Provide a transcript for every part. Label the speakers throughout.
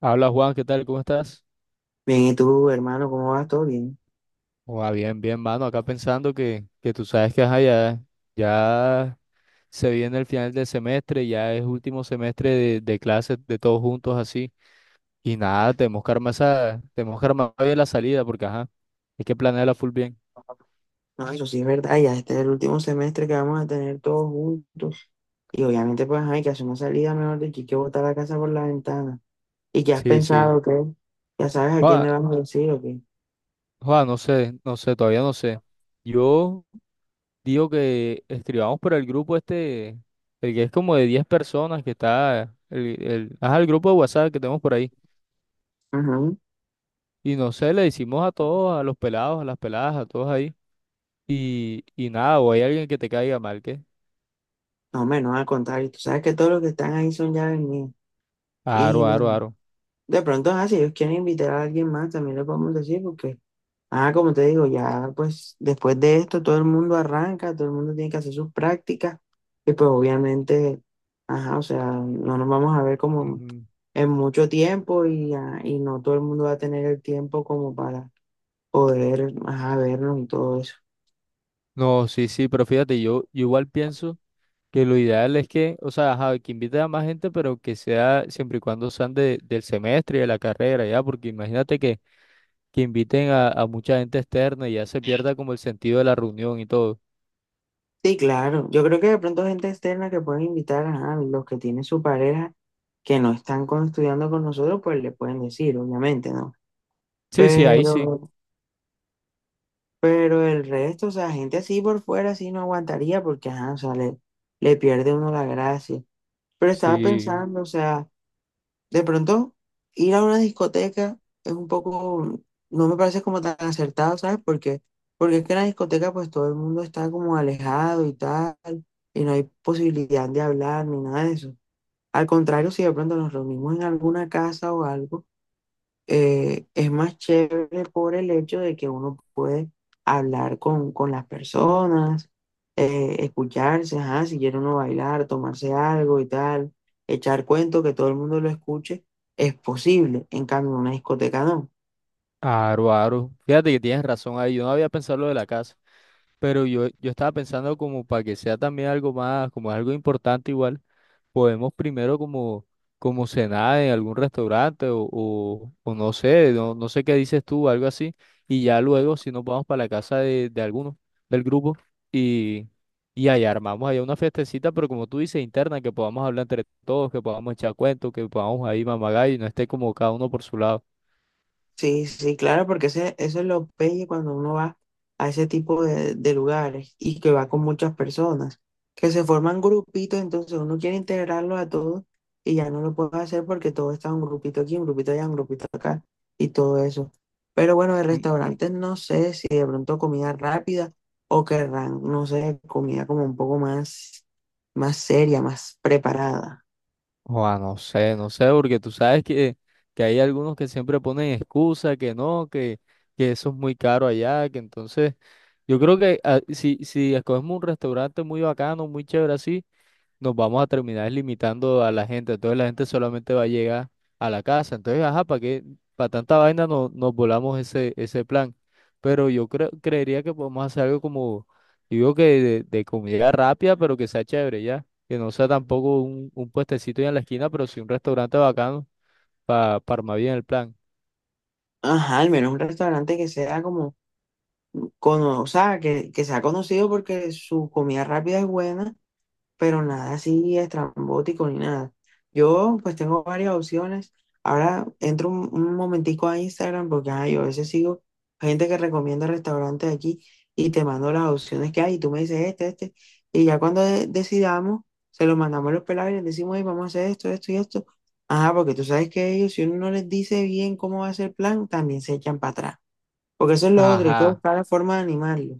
Speaker 1: Habla Juan, ¿qué tal? ¿Cómo estás?
Speaker 2: Bien, ¿y tú, hermano, cómo vas? ¿Todo bien?
Speaker 1: Ua, bien, bien, mano. Acá pensando que tú sabes que ajá, ya, ya se viene el final del semestre, ya es último semestre de clases de todos juntos así. Y nada, tenemos que armar bien la salida porque ajá, hay que planearla full bien.
Speaker 2: No, eso sí es verdad, ya este es el último semestre que vamos a tener todos juntos. Y obviamente, pues, ajá, hay que hacer una salida, mejor dicho, hay que botar la casa por la ventana. ¿Y qué has
Speaker 1: Sí, sí.
Speaker 2: pensado, qué? ¿Ya sabes a quién
Speaker 1: Juan,
Speaker 2: le vamos a decir o qué?
Speaker 1: Juan, no sé, no sé, todavía no sé. Yo digo que escribamos por el grupo este, el que es como de 10 personas que está, el grupo de WhatsApp que tenemos por ahí.
Speaker 2: Ajá.
Speaker 1: Y no sé, le decimos a todos, a los pelados, a las peladas, a todos ahí. Y nada, o hay alguien que te caiga mal, ¿qué?
Speaker 2: No, hombre, no, al contrario, tú sabes que todos los que están ahí son ya mías.
Speaker 1: Aro,
Speaker 2: Y
Speaker 1: aro,
Speaker 2: bueno,
Speaker 1: aro.
Speaker 2: de pronto, ajá, si ellos quieren invitar a alguien más, también le podemos decir, porque... Ah, como te digo, ya pues después de esto todo el mundo arranca, todo el mundo tiene que hacer sus prácticas y pues obviamente, ajá, o sea, no nos vamos a ver como
Speaker 1: Ujú.
Speaker 2: en mucho tiempo y, y no todo el mundo va a tener el tiempo como para poder, ajá, vernos y todo eso.
Speaker 1: No, sí, sí, pero fíjate, yo igual pienso que lo ideal es que, o sea, ajá, que invite a más gente, pero que sea siempre y cuando sean del semestre y de la carrera, ya, porque imagínate que, inviten a mucha gente externa y ya se pierda como el sentido de la reunión y todo.
Speaker 2: Sí, claro, yo creo que de pronto gente externa que pueden invitar, ajá, los que tienen su pareja que no están estudiando con nosotros, pues le pueden decir, obviamente, ¿no?
Speaker 1: Sí, sí, ahí sí.
Speaker 2: Pero... Pero el resto, o sea, gente así por fuera, así no aguantaría porque, ajá, o sea, le pierde uno la gracia. Pero estaba
Speaker 1: Sí,
Speaker 2: pensando, o sea, de pronto ir a una discoteca es un poco, no me parece como tan acertado, ¿sabes? Porque, porque es que en la discoteca pues todo el mundo está como alejado y tal, y no hay posibilidad de hablar ni nada de eso. Al contrario, si de pronto nos reunimos en alguna casa o algo es más chévere por el hecho de que uno puede hablar con las personas, escucharse, ajá, si quiere uno bailar, tomarse algo y tal, echar cuento, que todo el mundo lo escuche, es posible. En cambio, en una discoteca no.
Speaker 1: aro, aro. Fíjate que tienes razón ahí, yo no había pensado lo de la casa. Pero yo estaba pensando como para que sea también algo más, como algo importante igual, podemos primero como cenar en algún restaurante o no sé, no sé qué dices tú, algo así, y ya luego si nos vamos para la casa de alguno del grupo y, y allá armamos allá una festecita, pero como tú dices, interna, que podamos hablar entre todos, que podamos echar cuentos, que podamos ahí mamagallo y no esté como cada uno por su lado.
Speaker 2: Sí, sí, claro, porque ese, eso es lo pelle cuando uno va a ese tipo de lugares y que va con muchas personas, que se forman grupitos, entonces uno quiere integrarlos a todos y ya no lo puede hacer porque todo está un grupito aquí, un grupito allá, un grupito acá y todo eso. Pero bueno, de restaurantes no sé si de pronto comida rápida o querrán, no sé, comida como un poco más, más seria, más preparada.
Speaker 1: Joa, no sé, no sé, porque tú sabes que hay algunos que siempre ponen excusa, que no, que eso es muy caro allá, que entonces yo creo que ah, si escogemos un restaurante muy bacano, muy chévere así, nos vamos a terminar limitando a la gente. Entonces la gente solamente va a llegar a la casa. Entonces, ajá, ¿para qué? Para tanta vaina no, nos volamos ese plan. Pero yo creo, creería que podemos hacer algo como, digo que de, comida rápida, pero que sea chévere ya. Que no sea tampoco un puestecito ahí en la esquina, pero sí un restaurante bacano para armar bien el plan.
Speaker 2: Ajá, al menos un restaurante que sea como o sea, que se ha conocido porque su comida rápida es buena, pero nada así estrambótico ni nada. Yo pues tengo varias opciones. Ahora entro un momentico a Instagram porque ajá yo a veces sigo gente que recomienda restaurantes de aquí y te mando las opciones que hay y tú me dices este, este. Y ya cuando decidamos, se lo mandamos a los pelados y les decimos: "Ey, vamos a hacer esto, esto y esto". Ajá, porque tú sabes que ellos, si uno no les dice bien cómo va a ser el plan, también se echan para atrás. Porque eso es lo otro, y que
Speaker 1: Ajá.
Speaker 2: buscar la forma de animarlo.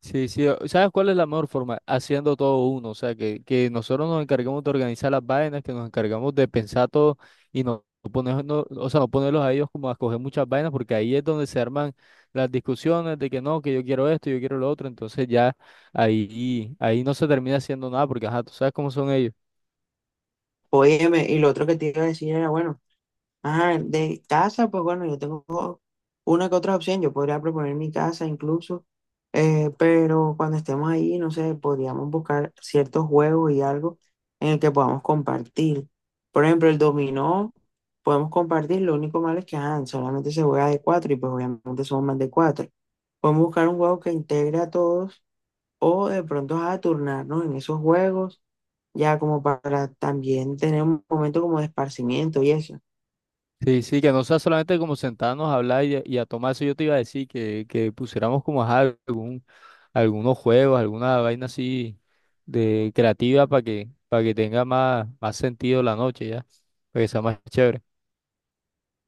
Speaker 1: Sí, sí, ¿sabes cuál es la mejor forma? Haciendo todo uno, o sea, que nosotros nos encarguemos de organizar las vainas, que nos encargamos de pensar todo y no ponernos, o sea, no ponerlos a ellos como a escoger muchas vainas, porque ahí es donde se arman las discusiones de que no, que yo quiero esto, yo quiero lo otro, entonces ya ahí no se termina haciendo nada, porque ajá, tú sabes cómo son ellos.
Speaker 2: Óyeme, y lo otro que te iba a decir era, bueno, ajá, de casa, pues bueno, yo tengo una que otra opción, yo podría proponer mi casa incluso, pero cuando estemos ahí, no sé, podríamos buscar ciertos juegos y algo en el que podamos compartir. Por ejemplo, el dominó, podemos compartir, lo único malo es que, ajá, solamente se juega de cuatro y pues obviamente somos más de cuatro. Podemos buscar un juego que integre a todos o de pronto, a turnarnos en esos juegos ya como para también tener un momento como de esparcimiento y eso.
Speaker 1: Sí, sí, que no sea solamente como sentarnos a hablar y a tomar eso, yo te iba a decir que, pusiéramos como ajá, algún algunos juegos, alguna vaina así de creativa para que tenga más, más sentido la noche ya, para que sea más chévere.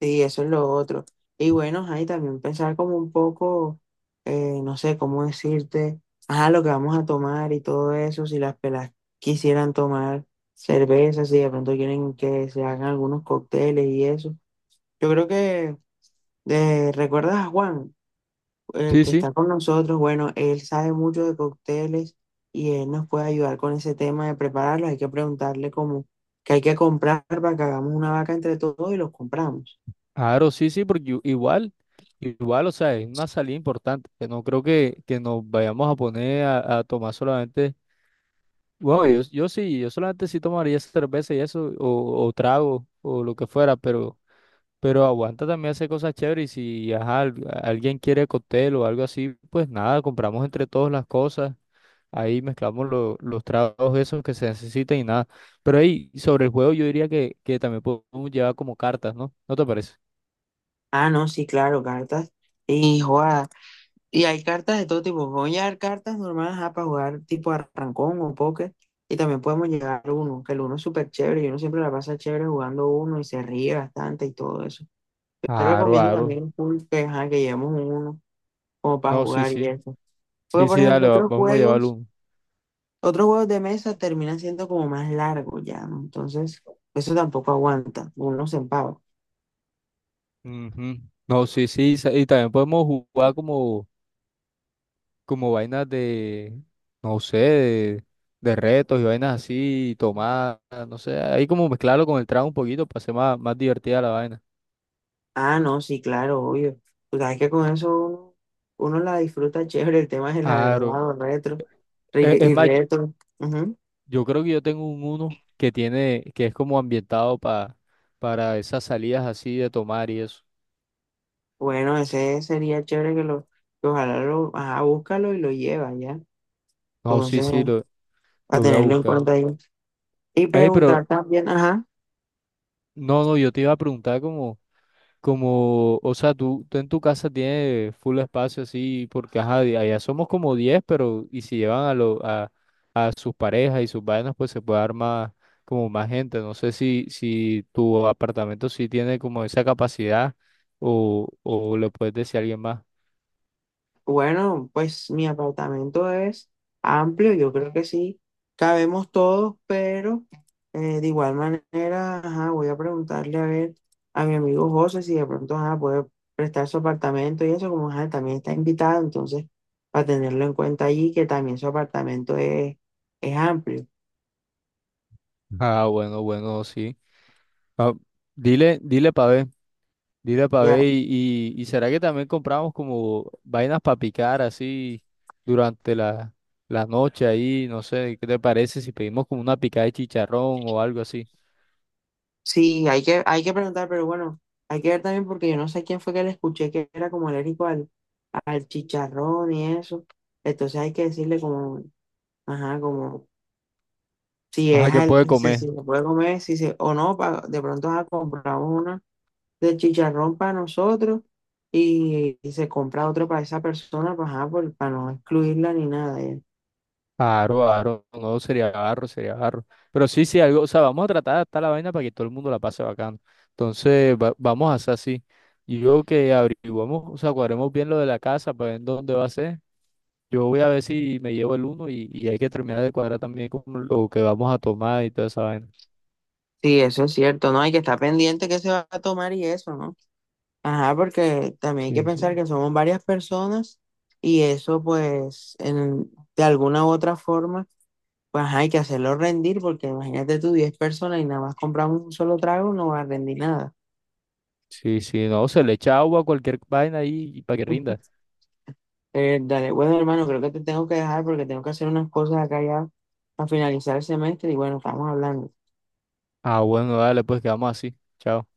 Speaker 2: Sí, eso es lo otro. Y bueno, ahí también pensar como un poco, no sé cómo decirte, ajá, lo que vamos a tomar y todo eso, si las pelas quisieran tomar cerveza, si de pronto quieren que se hagan algunos cócteles y eso. Yo creo que, ¿recuerdas a Juan? El
Speaker 1: Sí,
Speaker 2: que
Speaker 1: sí,
Speaker 2: está con nosotros, bueno, él sabe mucho de cócteles y él nos puede ayudar con ese tema de prepararlos. Hay que preguntarle cómo que hay que comprar para que hagamos una vaca entre todos y los compramos.
Speaker 1: claro, sí, sí, porque igual, igual, o sea, es una salida importante, que no creo que, nos vayamos a poner a tomar solamente, bueno, yo sí, yo solamente sí tomaría cerveza y eso, o trago, o lo que fuera, pero aguanta también hacer cosas chéveres y si, ajá, alguien quiere cóctel o algo así, pues nada, compramos entre todos las cosas. Ahí mezclamos los tragos esos que se necesitan y nada. Pero ahí, sobre el juego, yo diría que, también podemos llevar como cartas, ¿no? ¿No te parece?
Speaker 2: Ah, no, sí, claro, cartas y jugadas. Y hay cartas de todo tipo. Voy a llevar cartas normales ajá, para jugar tipo arrancón o póker. Y también podemos llevar uno, que el uno es súper chévere y uno siempre la pasa chévere jugando uno y se ríe bastante y todo eso. Yo
Speaker 1: Aro,
Speaker 2: recomiendo
Speaker 1: aro.
Speaker 2: también full que, ajá, que llevemos un uno como para
Speaker 1: No, sí,
Speaker 2: jugar y
Speaker 1: sí.
Speaker 2: eso. Porque,
Speaker 1: Sí,
Speaker 2: por
Speaker 1: sí,
Speaker 2: ejemplo,
Speaker 1: dale, vamos a llevarlo.
Speaker 2: otros juegos de mesa terminan siendo como más largos ya, ¿no? Entonces, eso tampoco aguanta, uno se empava.
Speaker 1: Ujú. No, sí, sí. Y también podemos jugar como vainas de, no sé, de retos y vainas así, tomar, no sé. Ahí como mezclarlo con el trago un poquito para hacer más, más divertida la vaina.
Speaker 2: Ah, no, sí, claro, obvio. Tú sabes que con eso uno, uno la disfruta chévere, el tema es la
Speaker 1: Aro.
Speaker 2: verdad o retro,
Speaker 1: Es
Speaker 2: y
Speaker 1: más.
Speaker 2: retro. Ujú.
Speaker 1: Yo creo que yo tengo un uno que es como ambientado para esas salidas así de tomar y eso.
Speaker 2: Bueno, ese sería chévere que ojalá lo, ajá, búscalo y lo lleva ya.
Speaker 1: No, sí,
Speaker 2: Entonces,
Speaker 1: sí, lo,
Speaker 2: a
Speaker 1: lo voy a
Speaker 2: tenerlo en
Speaker 1: buscar.
Speaker 2: cuenta ahí. Y
Speaker 1: Ey, pero
Speaker 2: preguntar también, ajá.
Speaker 1: no, no, yo te iba a preguntar como, o sea, tú en tu casa tienes full espacio así, porque ajá, de allá somos como 10 pero y si llevan a sus parejas y sus vainas, pues se puede armar como más gente. No sé si tu apartamento sí tiene como esa capacidad o le puedes decir a alguien más.
Speaker 2: Bueno, pues mi apartamento es amplio, yo creo que sí, cabemos todos, pero de igual manera, ajá, voy a preguntarle a ver a mi amigo José si de pronto ajá, puede prestar su apartamento y eso, como ajá, también está invitado, entonces para tenerlo en cuenta allí, que también su apartamento es amplio.
Speaker 1: Ah, bueno, bueno, sí. Ah, dile, dile pa' ver, dile pa' ver
Speaker 2: Ya.
Speaker 1: y será que también compramos como vainas para picar así durante la noche ahí, no sé, ¿qué te parece si pedimos como una picada de chicharrón o algo así?
Speaker 2: Sí, hay que preguntar, pero bueno, hay que ver también porque yo no sé quién fue que le escuché que era como alérgico al, al chicharrón y eso. Entonces hay que decirle como, ajá, como si es
Speaker 1: Ajá, ¿qué
Speaker 2: al,
Speaker 1: puede
Speaker 2: si, si
Speaker 1: comer?
Speaker 2: se puede comer, si se, o no, de pronto ajá, compramos una de chicharrón para nosotros y se compra otro para esa persona, pues, ajá, para no excluirla ni nada. Ya.
Speaker 1: Aro, aro, no sería barro, sería barro. Pero sí, sí, algo, o sea, vamos a tratar de adaptar la vaina para que todo el mundo la pase bacano. Entonces, vamos a hacer así. Y yo que averiguamos, o sea, cuadremos bien lo de la casa para ver dónde va a ser. Yo voy a ver si me llevo el uno y hay que terminar de cuadrar también con lo que vamos a tomar y toda esa vaina.
Speaker 2: Sí, eso es cierto, ¿no? Hay que estar pendiente que se va a tomar y eso, ¿no? Ajá, porque también hay que
Speaker 1: Sí,
Speaker 2: pensar
Speaker 1: sí.
Speaker 2: que somos varias personas y eso pues de alguna u otra forma, pues ajá, hay que hacerlo rendir porque imagínate tú 10 personas y nada más compramos un solo trago, no va a rendir nada.
Speaker 1: Sí, sí, no, se le echa agua a cualquier vaina ahí y para que rinda.
Speaker 2: Dale, bueno hermano, creo que te tengo que dejar porque tengo que hacer unas cosas acá ya a finalizar el semestre y bueno, estamos hablando.
Speaker 1: Ah, bueno, dale, pues quedamos así. Chao.